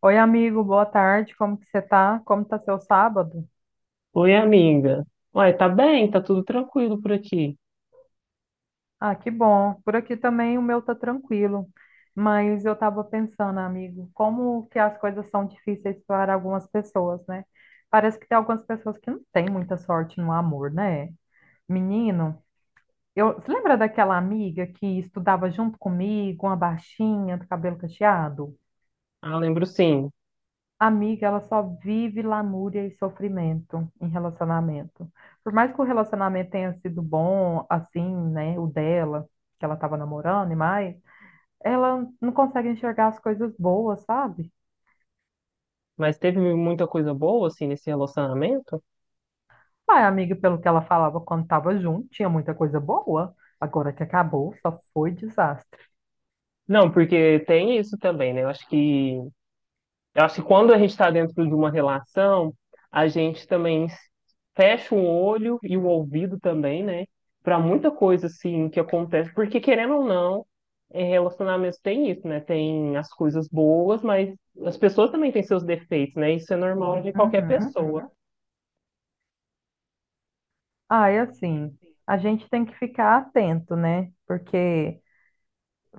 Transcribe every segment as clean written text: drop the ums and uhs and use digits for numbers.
Oi, amigo, boa tarde. Como que você tá? Como tá seu sábado? Oi, amiga. Uai, tá bem, tá tudo tranquilo por aqui. Ah, que bom. Por aqui também o meu tá tranquilo. Mas eu tava pensando, amigo, como que as coisas são difíceis para algumas pessoas, né? Parece que tem algumas pessoas que não têm muita sorte no amor, né? Menino, você lembra daquela amiga que estudava junto comigo, uma baixinha, do cabelo cacheado? Ah, lembro sim. Amiga, ela só vive lamúria e sofrimento em relacionamento. Por mais que o relacionamento tenha sido bom, assim, né, o dela, que ela tava namorando e mais, ela não consegue enxergar as coisas boas, sabe? Mas teve muita coisa boa, assim, nesse relacionamento? Ai, amiga, pelo que ela falava quando tava junto, tinha muita coisa boa. Agora que acabou, só foi desastre. Não, porque tem isso também, né? Eu acho que quando a gente tá dentro de uma relação, a gente também fecha o olho e o ouvido também, né? Pra muita coisa, assim, que acontece. Porque, querendo ou não, em relacionamentos tem isso, né? Tem as coisas boas, mas as pessoas também têm seus defeitos, né? Isso é normal de qualquer Uhum. pessoa. Ai, assim, a gente tem que ficar atento, né? Porque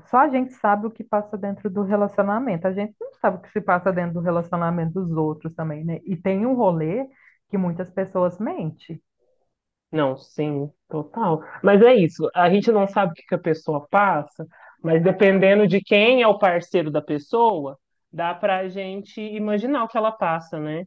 só a gente sabe o que passa dentro do relacionamento. A gente não sabe o que se passa dentro do relacionamento dos outros também, né? E tem um rolê que muitas pessoas mentem. Não, sim, total. Mas é isso, a gente não sabe o que que a pessoa passa, mas dependendo de quem é o parceiro da pessoa, dá pra gente imaginar o que ela passa, né?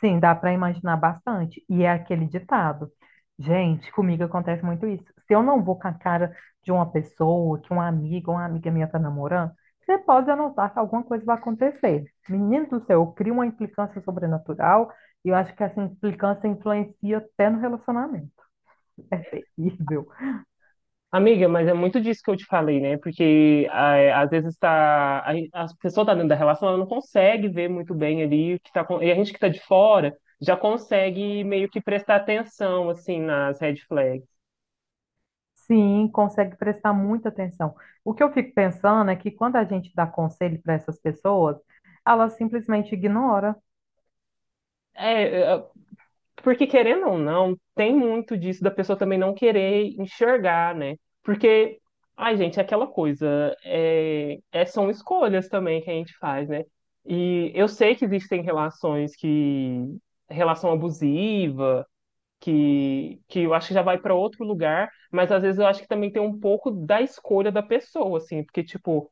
Sim, dá para imaginar bastante. E é aquele ditado. Gente, comigo acontece muito isso. Se eu não vou com a cara de uma pessoa, que uma amiga minha tá namorando, você pode anotar que alguma coisa vai acontecer. Menino do céu, eu crio uma implicância sobrenatural e eu acho que essa implicância influencia até no relacionamento. Horrível. Amiga, mas é muito disso que eu te falei, né? Porque é, às vezes a pessoa tá dentro da relação, ela não consegue ver muito bem ali o que e a gente que tá de fora já consegue meio que prestar atenção, assim, nas red flags. Sim, consegue prestar muita atenção. O que eu fico pensando é que quando a gente dá conselho para essas pessoas, elas simplesmente ignoram. É, porque querendo ou não, tem muito disso da pessoa também não querer enxergar, né? Porque, ai, gente, é aquela coisa, são escolhas também que a gente faz, né? E eu sei que existem relação abusiva, que eu acho que já vai para outro lugar, mas às vezes eu acho que também tem um pouco da escolha da pessoa, assim, porque, tipo,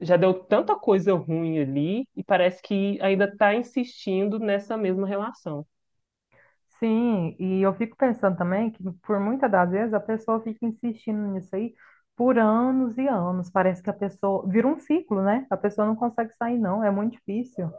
já deu tanta coisa ruim ali e parece que ainda tá insistindo nessa mesma relação. Sim, e eu fico pensando também que por muitas das vezes a pessoa fica insistindo nisso aí por anos e anos. Parece que a pessoa vira um ciclo, né? A pessoa não consegue sair, não. É muito difícil.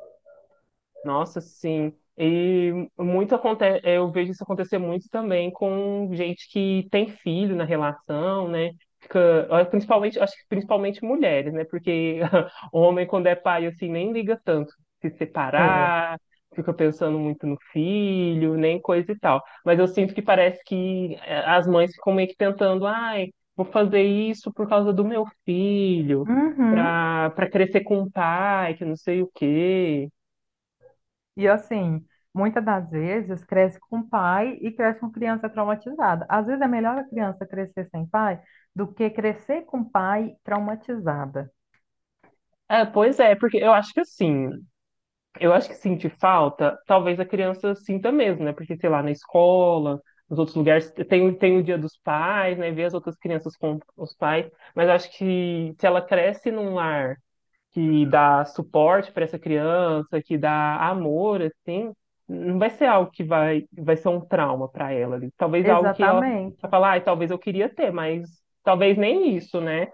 Nossa, sim. E muito acontece, eu vejo isso acontecer muito também com gente que tem filho na relação, né? Fica, ah, principalmente, acho que principalmente mulheres, né? Porque o homem, quando é pai, assim, nem liga tanto se É. separar, fica pensando muito no filho, nem coisa e tal. Mas eu sinto que parece que as mães ficam meio que tentando, ai, vou fazer isso por causa do meu filho, Uhum. Pra crescer com o pai, que não sei o quê. E assim, muitas das vezes cresce com pai e cresce com criança traumatizada. Às vezes é melhor a criança crescer sem pai do que crescer com pai traumatizada. É, pois é, porque eu acho que assim, eu acho que sentir falta, talvez a criança sinta mesmo, né? Porque, sei lá, na escola, nos outros lugares, tem o dia dos pais, né? Ver as outras crianças com os pais, mas eu acho que se ela cresce num lar que dá suporte para essa criança, que dá amor, assim, não vai ser algo que vai ser um trauma para ela ali. Talvez algo que ela vai Exatamente. falar, ah, talvez eu queria ter, mas talvez nem isso, né?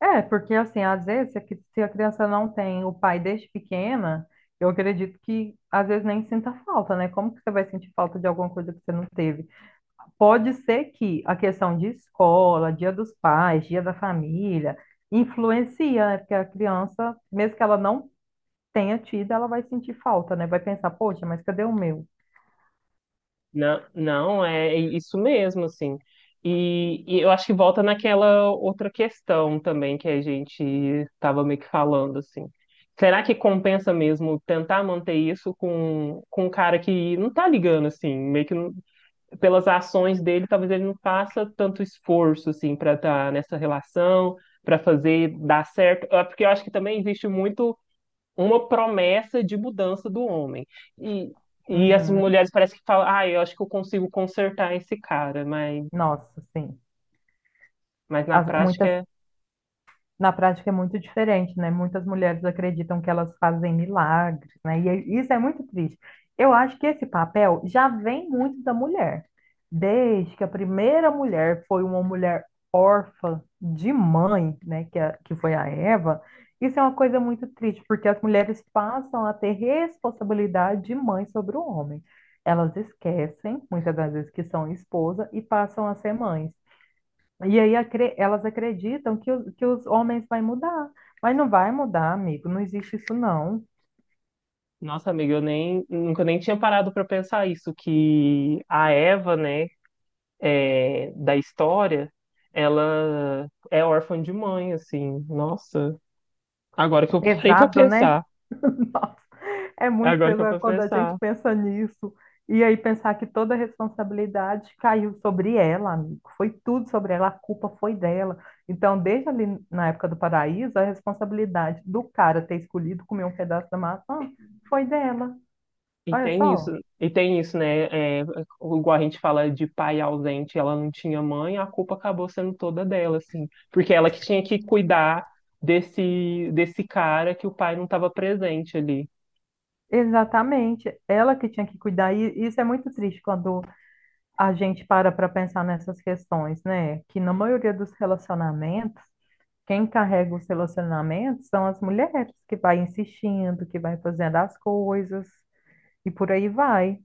É, porque assim, às vezes, se a criança não tem o pai desde pequena, eu acredito que às vezes nem sinta falta, né? Como que você vai sentir falta de alguma coisa que você não teve? Pode ser que a questão de escola, dia dos pais, dia da família, influencia, né? Porque a criança, mesmo que ela não tenha tido, ela vai sentir falta, né? Vai pensar, poxa, mas cadê o meu? Não, não, é isso mesmo, assim. E eu acho que volta naquela outra questão também que a gente estava meio que falando, assim. Será que compensa mesmo tentar manter isso com um cara que não tá ligando, assim, meio que não- pelas ações dele, talvez ele não faça tanto esforço, assim, para estar nessa relação, para fazer dar certo. É, porque eu acho que também existe muito uma promessa de mudança do homem. E, e as Uhum. mulheres parece que falam, ah, eu acho que eu consigo consertar esse cara, mas, Nossa, sim. mas na As- prática, muitas é- Na prática é muito diferente, né? Muitas mulheres acreditam que elas fazem milagres, né? Isso é muito triste. Eu acho que esse papel já vem muito da mulher. Desde que a primeira mulher foi uma mulher órfã de mãe, né? Que foi a Eva, isso é uma coisa muito triste, porque as mulheres passam a ter responsabilidade de mãe sobre o homem. Elas esquecem, muitas das vezes, que são esposa e passam a ser mães. E aí elas acreditam que os homens vai mudar. Mas não vai mudar, amigo. Não existe isso, não. Nossa, amiga, eu nem, nunca nem tinha parado para pensar isso, que a Eva, né, é, da história, ela é órfã de mãe, assim, nossa, agora que É eu parei para pesado, né? pensar, Nossa, é muito agora que eu pesado parei pra quando a gente pensar. pensa nisso. E aí pensar que toda a responsabilidade caiu sobre ela, amigo. Foi tudo sobre ela, a culpa foi dela. Então, desde ali na época do paraíso, a responsabilidade do cara ter escolhido comer um pedaço da maçã foi dela. E Olha tem isso, só. e tem isso, né? É, igual a gente fala de pai ausente, ela não tinha mãe, a culpa acabou sendo toda dela, assim, porque ela que tinha que cuidar desse cara que o pai não estava presente ali. Exatamente, ela que tinha que cuidar, e isso é muito triste quando a gente para para pensar nessas questões, né? Que na maioria dos relacionamentos, quem carrega os relacionamentos são as mulheres, que vai insistindo, que vai fazendo as coisas e por aí vai.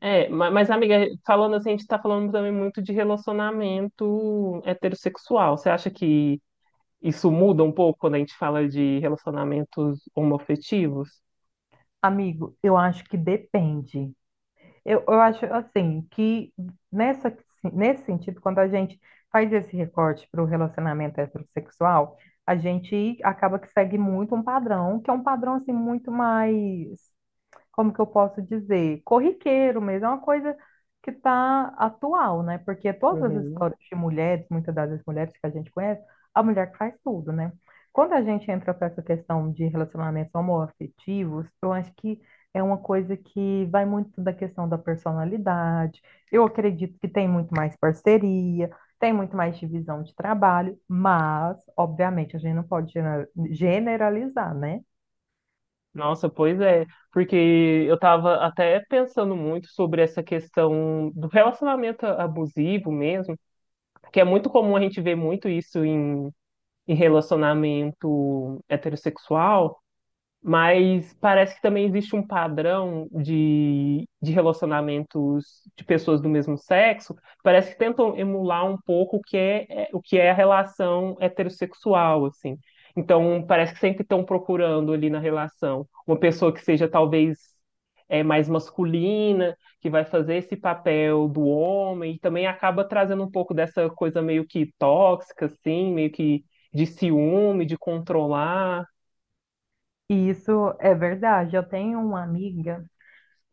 É, mas, amiga, falando assim, a gente está falando também muito de relacionamento heterossexual. Você acha que isso muda um pouco quando a gente fala de relacionamentos homoafetivos? Amigo, eu acho que depende. Eu acho assim que nessa, nesse sentido, quando a gente faz esse recorte para o relacionamento heterossexual, a gente acaba que segue muito um padrão, que é um padrão assim muito mais como que eu posso dizer, corriqueiro mesmo, é uma coisa que está atual, né? Porque todas as Uhum. histórias de mulheres, muitas das mulheres que a gente conhece, a mulher que faz tudo, né? Quando a gente entra para essa questão de relacionamentos homoafetivos, eu acho que é uma coisa que vai muito da questão da personalidade. Eu acredito que tem muito mais parceria, tem muito mais divisão de trabalho, mas, obviamente, a gente não pode generalizar, né? Nossa, pois é, porque eu tava até pensando muito sobre essa questão do relacionamento abusivo mesmo, que é muito comum a gente ver muito isso em relacionamento heterossexual. Mas parece que também existe um padrão de relacionamentos de pessoas do mesmo sexo. Parece que tentam emular um pouco o que é a relação heterossexual, assim. Então, parece que sempre estão procurando ali na relação uma pessoa que seja talvez mais masculina, que vai fazer esse papel do homem, e também acaba trazendo um pouco dessa coisa meio que tóxica, assim, meio que de ciúme, de controlar. E isso é verdade. Eu tenho uma amiga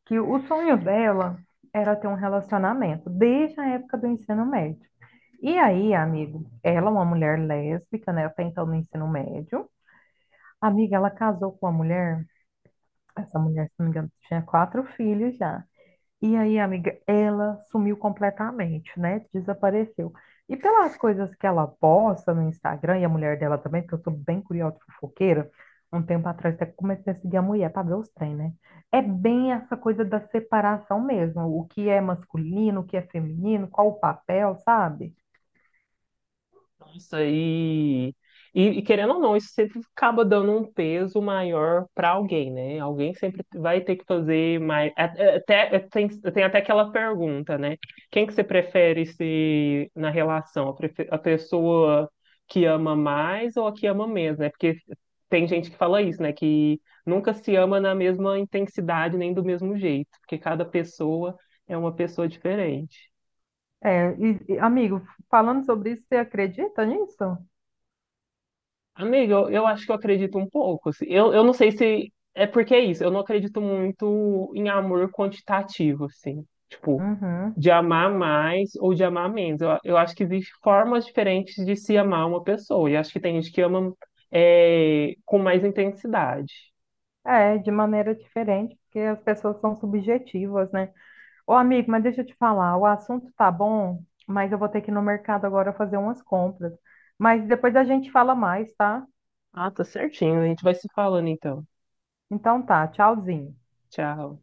que o sonho dela era ter um relacionamento desde a época do ensino médio. E aí, amigo, ela é uma mulher lésbica, né? Até então no ensino médio. Amiga, ela casou com uma mulher. Essa mulher, se não me engano, tinha 4 filhos já. E aí, amiga, ela sumiu completamente, né? Desapareceu. E pelas coisas que ela posta no Instagram, e a mulher dela também, porque eu sou bem curiosa, e fofoqueira, um tempo atrás até comecei a seguir a mulher para ver os trem, né? É bem essa coisa da separação mesmo, o que é masculino, o que é feminino, qual o papel, sabe? Nossa, e querendo ou não, isso sempre acaba dando um peso maior para alguém, né? Alguém sempre vai ter que fazer mais. Até, tem até aquela pergunta, né? Quem que você prefere ser na relação? A pessoa que ama mais ou a que ama menos, né? Porque tem gente que fala isso, né? Que nunca se ama na mesma intensidade nem do mesmo jeito, porque cada pessoa é uma pessoa diferente. É, e, amigo, falando sobre isso, você acredita nisso? Amigo, eu acho que eu acredito um pouco, assim. Eu não sei se é porque é isso. Eu não acredito muito em amor quantitativo, assim. Tipo, Uhum. de amar mais ou de amar menos. Eu acho que existem formas diferentes de se amar uma pessoa. E acho que tem gente que ama com mais intensidade. É, de maneira diferente, porque as pessoas são subjetivas, né? Ô, amigo, mas deixa eu te falar, o assunto tá bom, mas eu vou ter que ir no mercado agora fazer umas compras. Mas depois a gente fala mais, tá? Ah, tá certinho. A gente vai se falando então. Então tá, tchauzinho. Tchau.